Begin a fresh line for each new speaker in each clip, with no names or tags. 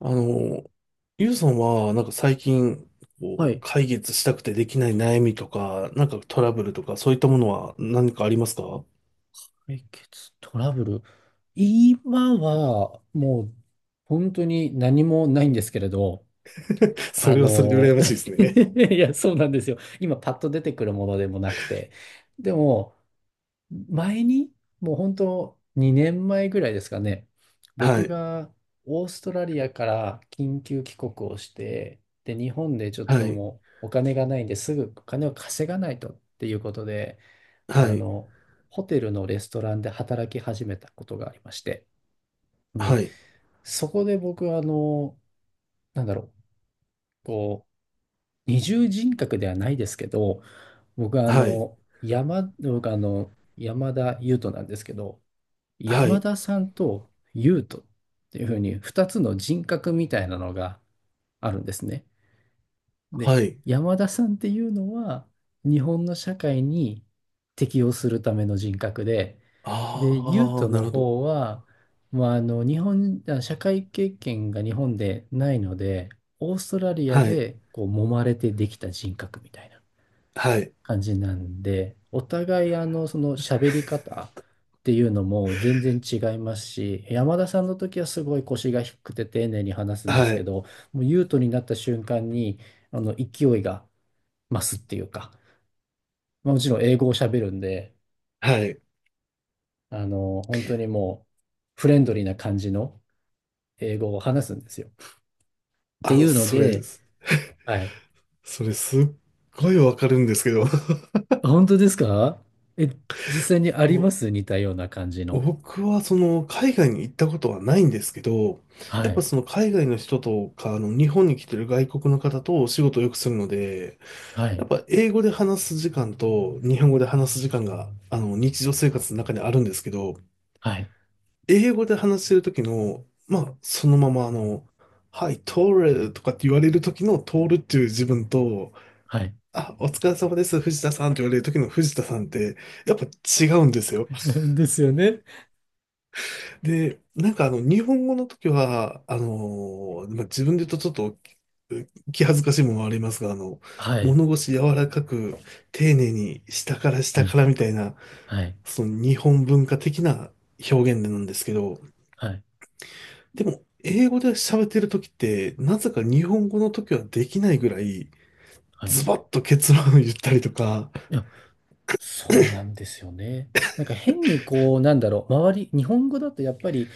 あの、ゆうさんは、最近、
はい。
解決したくてできない悩みとか、トラブルとか、そういったものは何かありますか？
解決トラブル。今は、もう、本当に何もないんですけれど、
そ
あ
れはそれで羨
の、
ましいですね。
いや、そうなんですよ。今、パッと出てくるものでもなくて。でも、前に、もう本当、2年前ぐらいですかね、
は
僕
い、
がオーストラリアから緊急帰国をして、で、日本でちょっ
は
と
い、
もう、お金がないんですぐお金を稼がないとっていうことで、あ
はい、
の、ホテルのレストランで働き始めたことがありまして、で、
はい、
そこで僕は、なんだろう、こう、二重人格ではないですけど、
はい、
僕は山田優斗なんですけど、
は
山
い、
田さんと優斗っていうふうに、二つの人格みたいなのがあるんですね。で、
はい。
山田さんっていうのは、日本の社会に適応するための人格で、で、ユー
あ
ト
あ、なる
の
ほど。
方は、まあ、日本、あ社会経験が日本でないので、オーストラリア
はい、
でこう揉まれてできた人格みたいな
はい、
感じなんで、お互いその喋り方っていうのも全然違いますし、山田さんの時はすごい腰が低くて丁寧に話すんです
は
け
い、
ど、もう優斗になった瞬間に、勢いが増すっていうか、まあ、もちろん英語を喋るんで、
はい。
本当にもうフレンドリーな感じの英語を話すんですよ。って
あ
い
の、
うの
それ、
で、はい。
それすっごいわかるんですけど。
あ、本当ですか？え、実際にあ
も
りま
う
す、似たような感じの？
僕はその海外に行ったことはないんですけど、
は
やっぱ
い。
その海外の人とか、あの日本に来てる外国の方とお仕事をよくするので、
は
や
い。
っぱ英語で話す時間と日本語で話す時間が、あの日常生活の中にあるんですけど、
はい。
英語で話してる時の、はい、通るとかって言われる時の通るっていう自分と、
はい。
あ、お疲れ様です、藤田さんって言われる時の藤田さんって、やっぱ違うんですよ。
ですよね。
で、日本語の時は、まあ、自分で言うとちょっと気恥ずかしいものはありますが、
はい。
物腰柔らかく、丁寧に下から
う
下
ん。
からみたいな、
はい。
その日本文化的な表現なんですけど、
はい。
でも、英語で喋ってる時って、なぜか日本語の時はできないぐらい、
はい。
ズバッと結論を言ったりとか、
いや、そうなんですよね。なんか変にこう、なんだろう、日本語だとやっぱり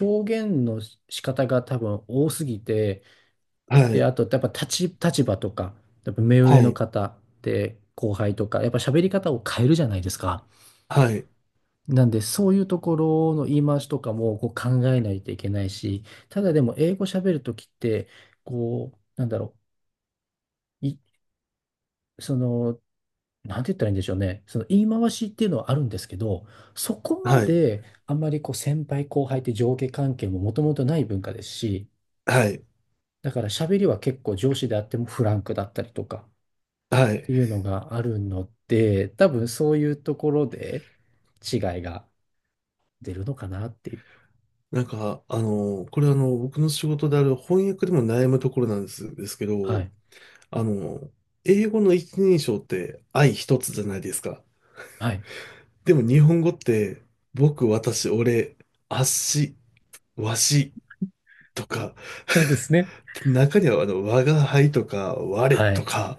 表現の仕方が多分多すぎて、
は
で、
い、
あとやっぱ立場とか、やっぱ目上
は
の
い、
方で後輩とか、やっぱ喋り方を変えるじゃないですか。
はい、
なんで、そういうところの言い回しとかもこう考えないといけないし、ただでも英語喋るときって、こう、なんだろう、いそのなんて言ったらいいんでしょうね。その言い回しっていうのはあるんですけど、そこま
はい、
であんまりこう先輩後輩って上下関係ももともとない文化ですし、
はい、
だから喋りは結構上司であってもフランクだったりとかっ
はい、
ていうのがあるので、多分そういうところで違いが出るのかなっていう。
なんか、あの、これあの、僕の仕事である翻訳でも悩むところなんです、ですけ
は
ど、
い。
あの、英語の一人称って愛一つじゃないですか。
はい。
でも日本語って、僕、私、俺、あっし、わしとか、
そうですね。
中には我が輩とか、我
は
と
い。
か、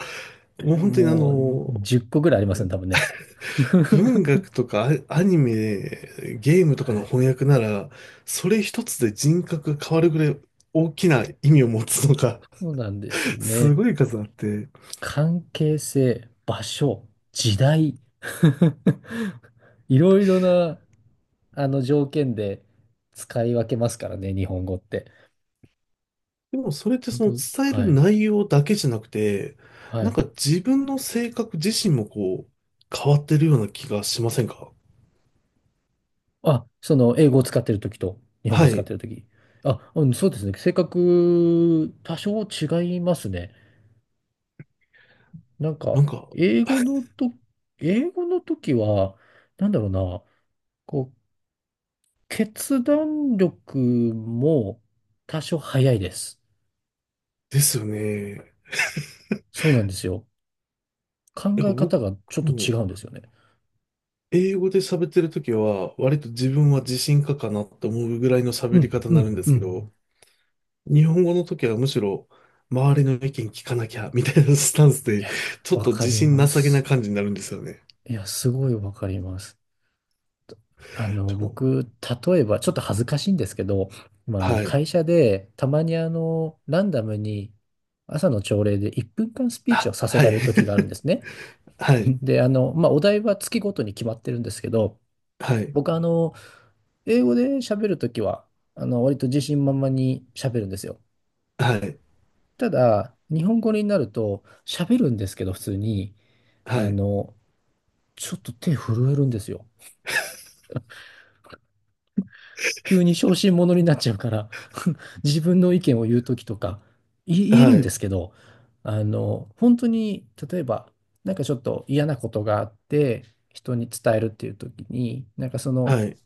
もう本当にあ
もう
の、
10個ぐらいありますね、多分ね。
文
は
学とかニメ、ゲームとか
い。
の翻訳なら、それ一つで人格が変わるぐらい大きな意味を持つのか、
そうなんですよ
す
ね。
ごい数あって。
関係性、場所、時代。いろいろな、あの条件で使い分けますからね、日本語って。
でもそれって
本
その
当、
伝え
は
る
い。
内容だけじゃなくて、
は
なん
い。
か自分の性格自身もこう、変わってるような気がしませんか？
あ、英語を使ってるときと、日本語
は
を使っ
い。
てるとき。あ、うん、そうですね。性格、多少違いますね。なん
な
か、
んか、
英語のと、英語のときは、なんだろうな、こう、決断力も多少早いです。
ですよね。
そうなんですよ。考
なんか
え方
僕
がちょっと違
も、
うんですよね。
英語で喋ってるときは、割と自分は自信家かなって思うぐらいの
う
喋り
ん、
方に
う
なる
ん、
んで
う
すけ
ん。
ど、日本語の時はむしろ、周りの意見聞かなきゃ、みたいなスタンス
い
で、
や、
ちょっ
わ
と
か
自
り
信
ま
なさげな
す。
感じになるんですよね。
いや、すごいわかります。
そう、
僕、例えば、ちょっと恥ずかしいんですけど、まあ、
はい。
会社で、たまにランダムに、朝の朝礼で1分間スピーチを
あ、
させ
は
ら
い。
れる時があるん ですね。
はい。
で、まあ、お題は月ごとに決まってるんですけど、
はい、
僕、英語で喋るときは、割と自信満々に喋るんですよ。
はい、
ただ、日本語になると喋るんですけど、普通に、
は
あ
い、
の、ちょっと手震えるんですよ。急に小心者になっちゃうから 自分の意見を言うときとか、言え
は
るんで
い、
すけど、本当に、例えば、なんかちょっと嫌なことがあって、人に伝えるっていうときに、なんかその、
はい、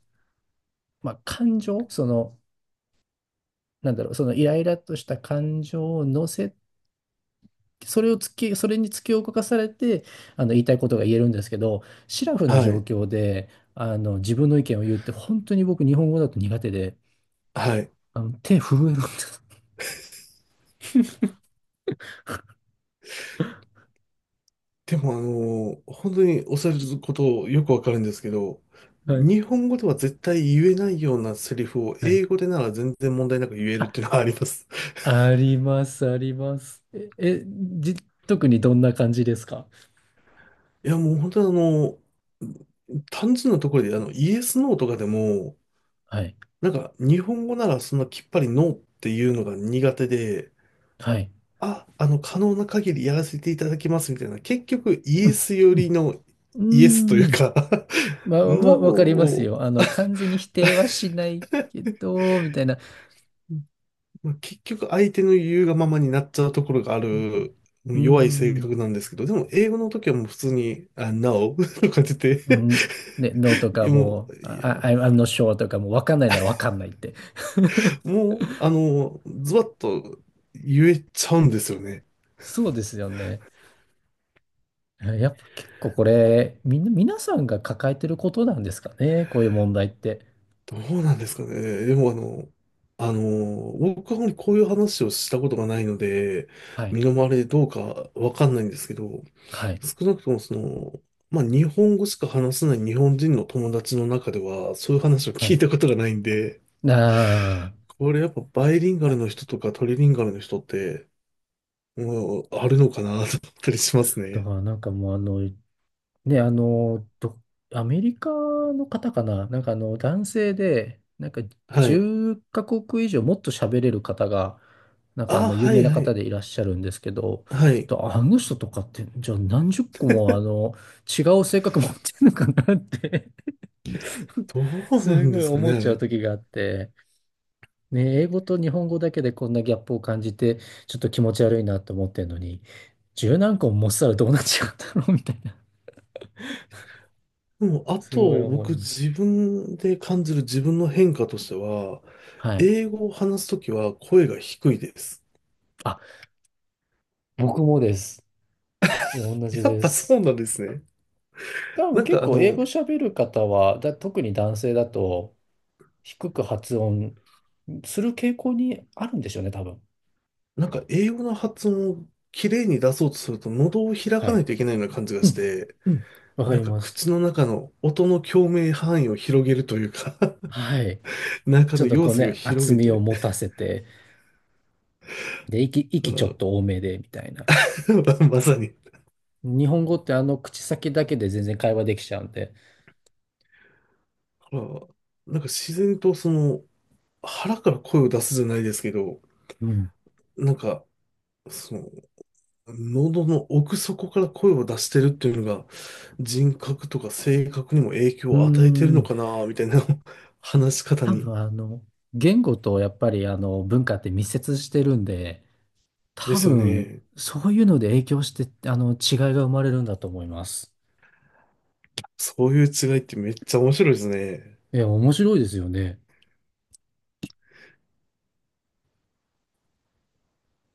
まあ、感情、なんだろう、そのイライラとした感情を乗せそれに突き動かされて、言いたいことが言えるんですけど、シラフな
は
状
い、
況で、自分の意見を言うって、本当に僕、日本語だと苦手で、
はい。
手震えるんです。
でも、本当におっしゃることよくわかるんですけど、
はい。
日本語では絶対言えないようなセリフを
はい。
英語でなら全然問題なく言えるっ
あ、
ていうのはあります。
あります、あります。じ、特にどんな感じですか？
いや、もう本当にあの、単純なところで、イエス、ノーとかでも、
はい。
なんか日本語ならそんなきっぱりノーっていうのが苦手で、
はい。
可能な限りやらせていただきますみたいな、結局イ
う
エ
ん。
ス寄
う
りのイエスとい
ん。
う
うーん、
か
ま あ、
ノー
わかります
を、
よ。完全に否定はしないけど、みたいな。
まあ結局相手の言うがままになっちゃうところがある、も
うー
う弱い性
ん。
格なんですけど、でも英語の時はもう普通に、あ、No とか言って
う
て
ん、ね、No と
い
か
やも
も
う、
う、
いや
あ、 I'm not sure とかもうわかんないならわかんないって。
もう、あの、ズバッと言えちゃうんですよね。
そうですよね。やっぱ結構これ、みんな、皆さんが抱えてることなんですかね、こういう問題って？
どうなんですかね。でもあの、僕はあまりこういう話をしたことがないので、
はい。
身の回りでどうかわかんないんですけど、
はい。
少なくともその、まあ日本語しか話せない日本人の友達の中では、そういう話を
は
聞
い。
いたことがないんで、
あ
これやっぱバイリンガルの
あ。
人とかトリリンガルの人って、もうあるのかなと思ったりします
だか
ね。
らなんかもうね、アメリカの方かな、なんか男性で、なんか
はい。
10カ国以上もっと喋れる方が、なんか
あ、
有
は
名
い
な
は
方
い。
でいらっしゃるんですけど、
はい。
とあの人とかって、じゃあ何十個も違う性格持ってるのかなって
どう な
す
ん
ご
で
い
すかね、
思っ
あ
ちゃう
れ。
時があって、ね、英語と日本語だけでこんなギャップを感じて、ちょっと気持ち悪いなと思ってるのに、十何個も持ってたらどうなっちゃうただろうみたいな、
もう、あ
すごい
と、
思い
僕、
ます。
自分で感じる自分の変化としては、
はい。
英語を話すときは声が低いです。
僕もです。同じ
やっ
で
ぱそ
す。
うなんですね。
多分
なん
結
か、あ
構英
の、
語喋る方は、特に男性だと低く発音する傾向にあるんでしょうね、多分。
英語の発音を綺麗に出そうとすると、喉を開
は
かな
い。
いといけないような感じが
う
し
ん。
て、
うん。わか
なん
り
か、
ます。
口の中の音の共鳴範囲を広げるというか
はい。
中
ちょ
の
っと
様
こう
子を
ね、
広
厚
げ
みを
て、
持たせて、で、息ちょっ
だ
と多めで、みたいな。
から まさに、
日本語ってあの口先だけで全然会話できちゃうんで。
だからなんか、自然と、腹から声を出すじゃないですけど、
うん。
なんか、その、喉の奥底から声を出してるっていうのが人格とか性格にも影響
うー
を与えてるの
ん。
かなみたいな 話し方
多
に。
分言語とやっぱりあの文化って密接してるんで、
で
多
すよ
分、
ね。
そういうので影響して、違いが生まれるんだと思います。
そういう違いってめっちゃ面白いですね。
いや、面白いですよね。